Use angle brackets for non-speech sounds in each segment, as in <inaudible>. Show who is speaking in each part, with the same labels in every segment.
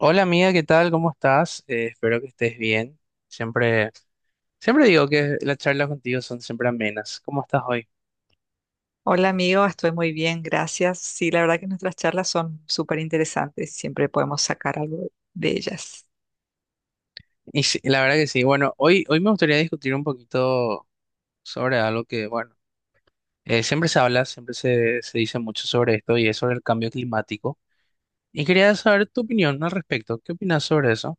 Speaker 1: Hola amiga, ¿qué tal? ¿Cómo estás? Espero que estés bien. Siempre, siempre digo que las charlas contigo son siempre amenas. ¿Cómo estás hoy?
Speaker 2: Hola amigo, estoy muy bien, gracias. Sí, la verdad que nuestras charlas son súper interesantes, siempre podemos sacar algo de ellas.
Speaker 1: Y sí, la verdad que sí. Bueno, hoy me gustaría discutir un poquito sobre algo que, bueno, siempre se habla, siempre se dice mucho sobre esto y es sobre el cambio climático. Y quería saber tu opinión al respecto. ¿Qué opinas sobre eso?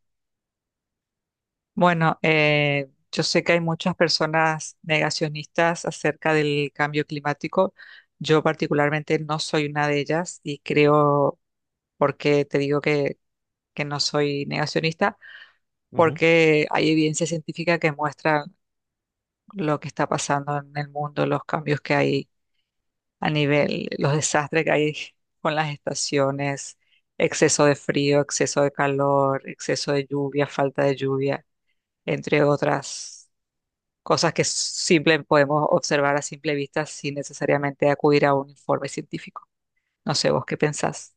Speaker 2: Bueno, yo sé que hay muchas personas negacionistas acerca del cambio climático. Yo particularmente no soy una de ellas y creo, porque te digo que no soy negacionista,
Speaker 1: Ujú.
Speaker 2: porque hay evidencia científica que muestra lo que está pasando en el mundo, los cambios que hay a nivel, los desastres que hay con las estaciones, exceso de frío, exceso de calor, exceso de lluvia, falta de lluvia, entre otras cosas que simple podemos observar a simple vista sin necesariamente acudir a un informe científico. No sé, ¿vos qué pensás?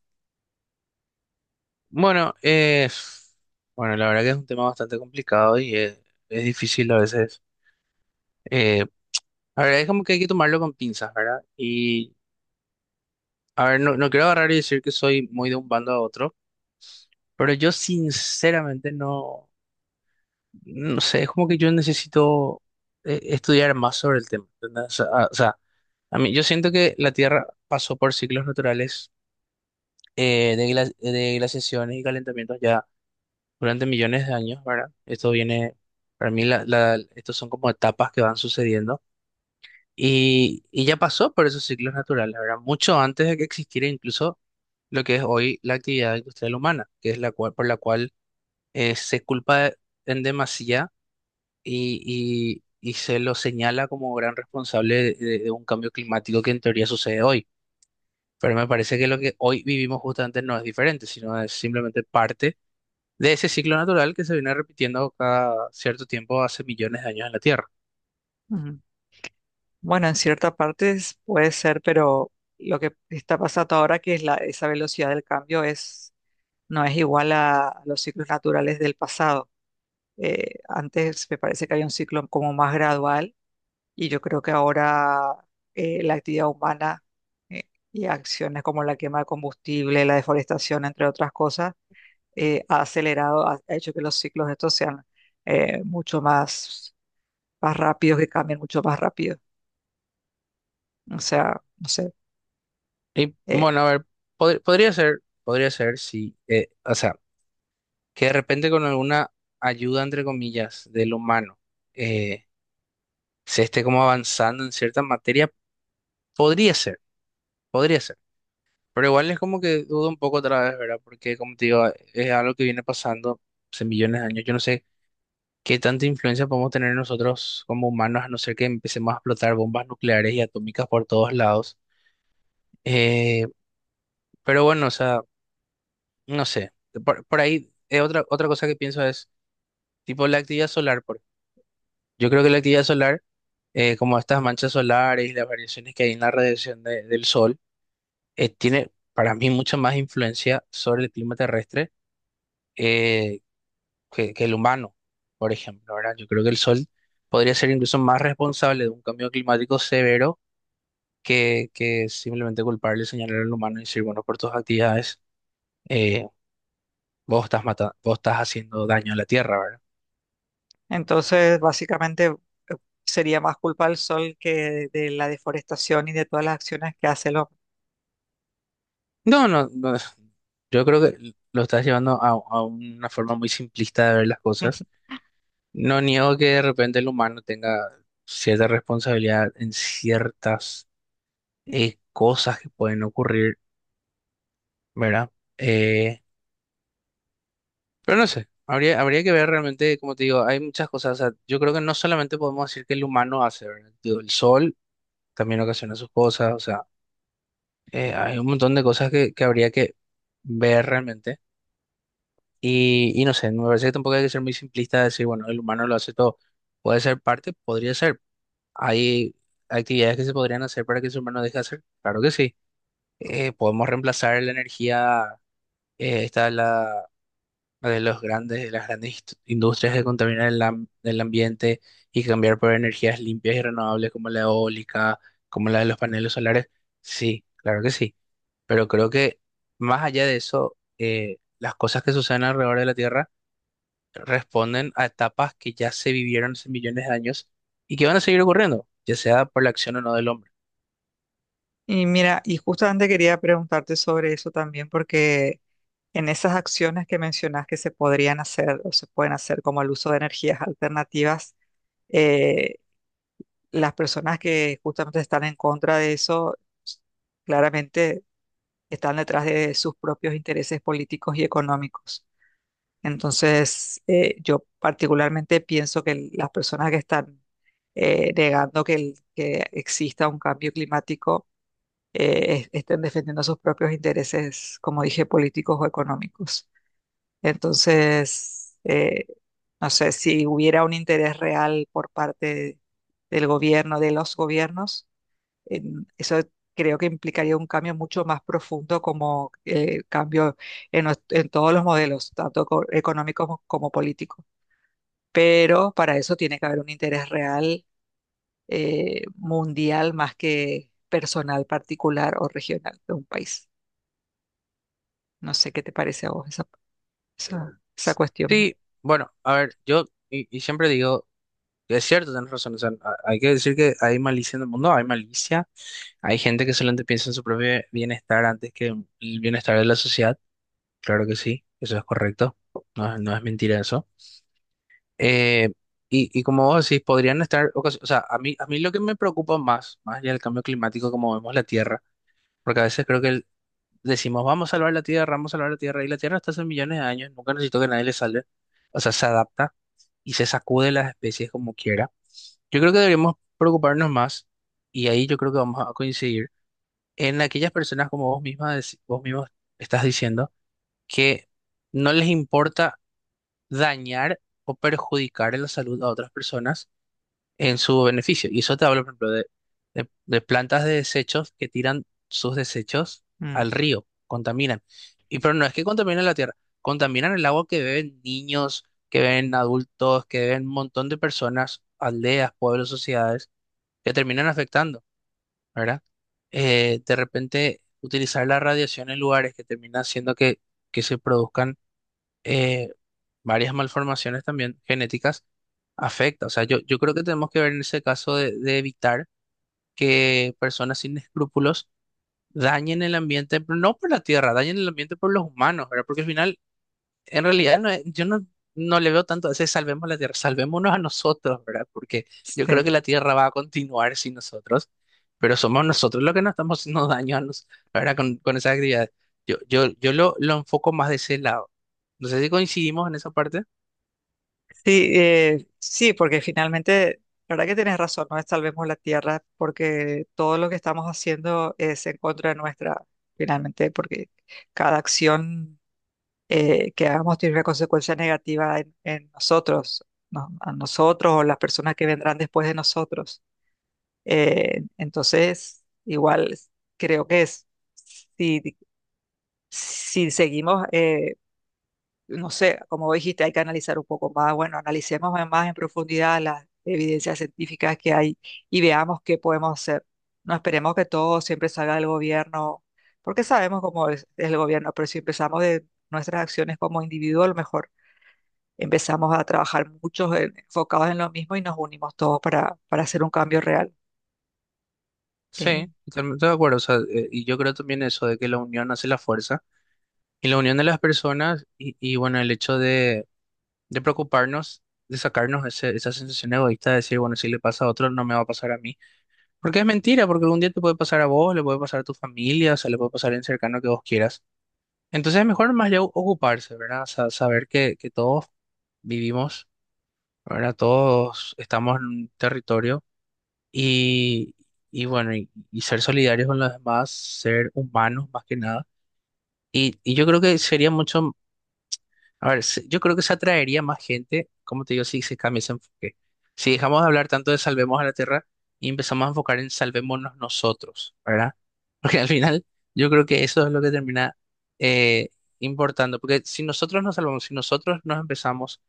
Speaker 1: Bueno, bueno, la verdad que es un tema bastante complicado y es difícil a veces. Eh, a ver, es como que hay que tomarlo con pinzas, ¿verdad? Y, a ver, no quiero agarrar y decir que soy muy de un bando a otro, pero yo sinceramente no sé, es como que yo necesito estudiar más sobre el tema, ¿entendés? O sea, o sea, a mí, yo siento que la Tierra pasó por ciclos naturales de, de glaciaciones y calentamientos ya durante millones de años, ¿verdad? Esto viene, para mí, estos son como etapas que van sucediendo y ya pasó por esos ciclos naturales, ¿verdad? Mucho antes de que existiera incluso lo que es hoy la actividad industrial humana, que es por la cual se culpa en demasía y se lo señala como gran responsable de, de un cambio climático que en teoría sucede hoy. Pero me parece que lo que hoy vivimos justamente no es diferente, sino es simplemente parte de ese ciclo natural que se viene repitiendo cada cierto tiempo hace millones de años en la Tierra.
Speaker 2: Ujú. Bueno, en cierta parte puede ser, pero lo que está pasando ahora, que es esa velocidad del cambio, no es igual a los ciclos naturales del pasado. Antes me parece que había un ciclo como más gradual y yo creo que ahora la actividad humana eh, y acciones como la quema de combustible, la deforestación, entre otras cosas, ha acelerado, ha hecho que los ciclos estos sean eh, mucho más rápidos, que cambien mucho más rápido. O sea, no sé.
Speaker 1: Y
Speaker 2: Eh,
Speaker 1: bueno, a ver, podría ser si, o sea, que de repente con alguna ayuda, entre comillas, del humano, eh, se esté como avanzando en cierta materia, podría ser, podría ser. Pero igual es como que dudo un poco otra vez, ¿verdad? Porque como te digo, es algo que viene pasando hace millones de años. Yo no sé qué tanta influencia podemos tener nosotros como humanos, a no ser que empecemos a explotar bombas nucleares y atómicas por todos lados. Eh, pero bueno, o sea, no sé. Por, otra cosa que pienso es, tipo, la actividad solar. Por, yo creo que la actividad solar, como estas manchas solares y las variaciones que hay en la radiación del sol, tiene para mí mucha más influencia sobre el clima terrestre eh, que el humano, por ejemplo, ¿verdad? Yo creo que el sol podría ser incluso más responsable de un cambio climático severo que simplemente culparle, señalar al humano y decir, bueno, por tus actividades. eh, Vos estás matando, vos estás haciendo daño a la tierra, ¿verdad?
Speaker 2: entonces, básicamente sería más culpa del sol que de la deforestación y de todas las acciones que hace el hombre.
Speaker 1: No, no, no. Yo creo que lo estás llevando a una forma muy simplista de ver las cosas. No niego que de repente el humano tenga cierta responsabilidad en ciertas cosas que pueden ocurrir, ¿verdad? Eh, pero no sé, habría que ver realmente, como te digo, hay muchas cosas. O sea, yo creo que no solamente podemos decir que el humano hace, ¿verdad? Digo, el sol también ocasiona sus cosas, o sea, hay un montón de cosas que habría que ver realmente. Y no sé, me parece que tampoco hay que ser muy simplista de decir, bueno, el humano lo hace todo. Puede ser parte, podría ser. Hay actividades que se podrían hacer para que el ser humano deje de hacer. Claro que sí. Podemos reemplazar la energía, esta de la, de los grandes, de las grandes industrias que contaminan el, el ambiente y cambiar por energías limpias y renovables como la eólica, como la de los paneles solares. Sí, claro que sí. Pero creo que más allá de eso, las cosas que suceden alrededor de la Tierra responden a etapas que ya se vivieron hace millones de años y que van a seguir ocurriendo, ya sea por la acción o no del hombre.
Speaker 2: Y mira, y justamente quería preguntarte sobre eso también, porque en esas acciones que mencionas que se podrían hacer o se pueden hacer como el uso de energías alternativas, eh, las personas que justamente están en contra de eso, s- claramente están detrás de sus propios intereses políticos y económicos. Entonces, yo particularmente pienso que las personas que están negando que exista un cambio climático, estén defendiendo sus propios intereses, como dije, políticos o económicos. Entonces, no sé, si hubiera un interés real por parte del gobierno, de los gobiernos, eso creo que implicaría un cambio mucho más profundo como cambio en todos los modelos, tanto económicos como políticos. Pero para eso tiene que haber un interés real mundial más que personal, particular o regional de un país. No sé qué te parece a vos esa cuestión.
Speaker 1: Sí, bueno, a ver, yo y siempre digo, es cierto, tienes razón, o sea, hay que decir que hay malicia en el mundo, hay malicia, hay gente que solamente piensa en su propio bienestar antes que en el bienestar de la sociedad, claro que sí, eso es correcto, no, no es mentira eso. Eh, y, y como vos decís, podrían estar, o sea, a mí lo que me preocupa más, más allá del cambio climático, como vemos la Tierra, porque a veces creo que el, decimos, vamos a salvar la Tierra, vamos a salvar la Tierra, y la Tierra está hace millones de años, nunca necesitó que nadie le salve. O sea, se adapta y se sacude las especies como quiera. Yo creo que deberíamos preocuparnos más, y ahí yo creo que vamos a coincidir, en aquellas personas como vos misma, vos mismos estás diciendo, que no les importa dañar o perjudicar en la salud a otras personas en su beneficio. Y eso te hablo, por ejemplo, de, de plantas de desechos que tiran sus desechos
Speaker 2: Mm,
Speaker 1: al río, contaminan. Y pero no es que contaminan la tierra, contaminan el agua que beben niños, que beben adultos, que beben un montón de personas, aldeas, pueblos, sociedades, que terminan afectando, ¿verdad? De repente utilizar la radiación en lugares que termina haciendo que se produzcan eh, varias malformaciones también genéticas afecta. O sea, yo creo que tenemos que ver en ese caso de evitar que personas sin escrúpulos dañen el ambiente, pero no por la tierra, dañen el ambiente por los humanos, ¿verdad? Porque al final, en realidad, yo no, no le veo tanto a ese salvemos la tierra, salvémonos a nosotros, ¿verdad? Porque yo creo
Speaker 2: sí,
Speaker 1: que la tierra va a continuar sin nosotros, pero somos nosotros los que nos estamos haciendo daño a nos, ¿verdad? Con esas actividades. Yo lo enfoco más de ese lado. No sé si coincidimos en esa parte.
Speaker 2: sí, porque finalmente, la verdad que tienes razón, no es salvemos la tierra, porque todo lo que estamos haciendo es en contra de nuestra, finalmente, porque cada acción que hagamos tiene una consecuencia negativa en nosotros, ¿no? A nosotros o las personas que vendrán después de nosotros. Entonces, igual creo que es, si, si seguimos... no sé, como dijiste, hay que analizar un poco más. Bueno, analicemos más en profundidad las evidencias científicas que hay y veamos qué podemos hacer. No esperemos que todo siempre salga del gobierno, porque sabemos cómo es el gobierno, pero si empezamos de nuestras acciones como individuo, a lo mejor empezamos a trabajar muchos enfocados en lo mismo y nos unimos todos para hacer un cambio real. Eh,
Speaker 1: Sí, totalmente de acuerdo. O sea, y yo creo también eso de que la unión hace la fuerza y la unión de las personas y bueno, el hecho de preocuparnos, de sacarnos esa sensación egoísta de decir, bueno, si le pasa a otro, no me va a pasar a mí. Porque es mentira, porque un día te puede pasar a vos, le puede pasar a tu familia, o sea, le puede pasar a alguien cercano que vos quieras. Entonces es mejor más ya ocuparse, ¿verdad? O sea, saber que todos vivimos, ¿verdad? Todos estamos en un territorio y, y bueno, y ser solidarios con los demás, ser humanos más que nada. Y yo creo que sería mucho, a ver, yo creo que se atraería más gente, como te digo, si se cambia ese enfoque. Si dejamos de hablar tanto de salvemos a la tierra y empezamos a enfocar en salvémonos nosotros, ¿verdad? <laughs> Porque al final yo creo que eso es lo que termina eh, importando, porque si nosotros nos salvamos, si nosotros nos empezamos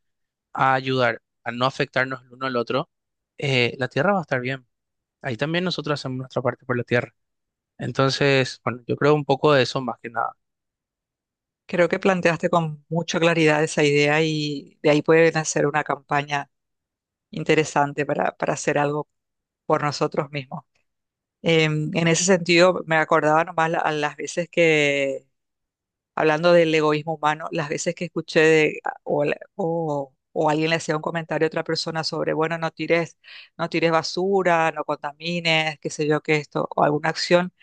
Speaker 1: a ayudar, a no afectarnos el uno al otro, la tierra va a estar bien. Ahí también nosotros hacemos nuestra parte por la tierra. Entonces, bueno, yo creo un poco de eso más que nada.
Speaker 2: creo que planteaste con mucha claridad esa idea y de ahí puede nacer una campaña interesante para hacer algo por nosotros mismos. Em, en ese sentido, me acordaba nomás a las veces que, hablando del egoísmo humano, las veces que escuché de, o, alguien le hacía un comentario a otra persona sobre, bueno, no tires basura, no contamines, qué sé yo, qué esto, o alguna acción,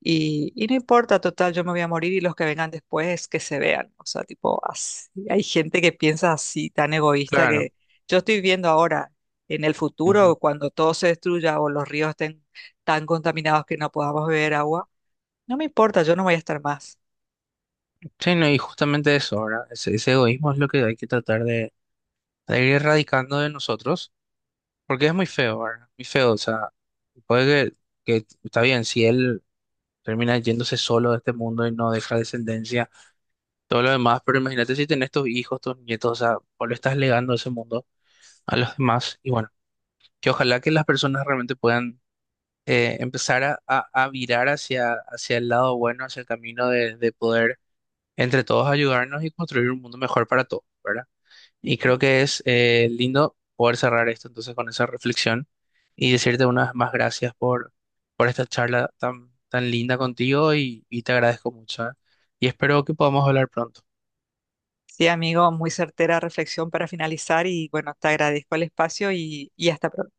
Speaker 2: y no importa, total, yo me voy a morir y los que vengan después que se vean. O sea, tipo, así, hay gente que piensa así, tan egoísta,
Speaker 1: Claro.
Speaker 2: que yo estoy viendo ahora, en el futuro,
Speaker 1: Ujú.
Speaker 2: cuando todo se destruya o los ríos estén tan contaminados que no podamos beber agua, no me importa, yo no voy a estar más.
Speaker 1: Sí, no, y justamente eso, ¿verdad? Ese egoísmo es lo que hay que tratar de ir erradicando de nosotros, porque es muy feo, ¿verdad? Muy feo, o sea, puede que está bien, si él termina yéndose solo de este mundo y no deja descendencia, todo lo demás, pero imagínate si tenés tus hijos, tus nietos, o sea, vos le estás legando ese mundo a los demás, y bueno, que ojalá que las personas realmente puedan empezar a, a virar hacia, hacia el lado bueno, hacia el camino de poder entre todos ayudarnos y construir un mundo mejor para todos, ¿verdad? Y creo que es lindo poder cerrar esto entonces con esa reflexión y decirte unas más gracias por esta charla tan, tan linda contigo y te agradezco mucho, ¿eh? Y espero que podamos hablar pronto.
Speaker 2: Sí, amigo, muy certera reflexión para finalizar y bueno, te agradezco el espacio y hasta pronto.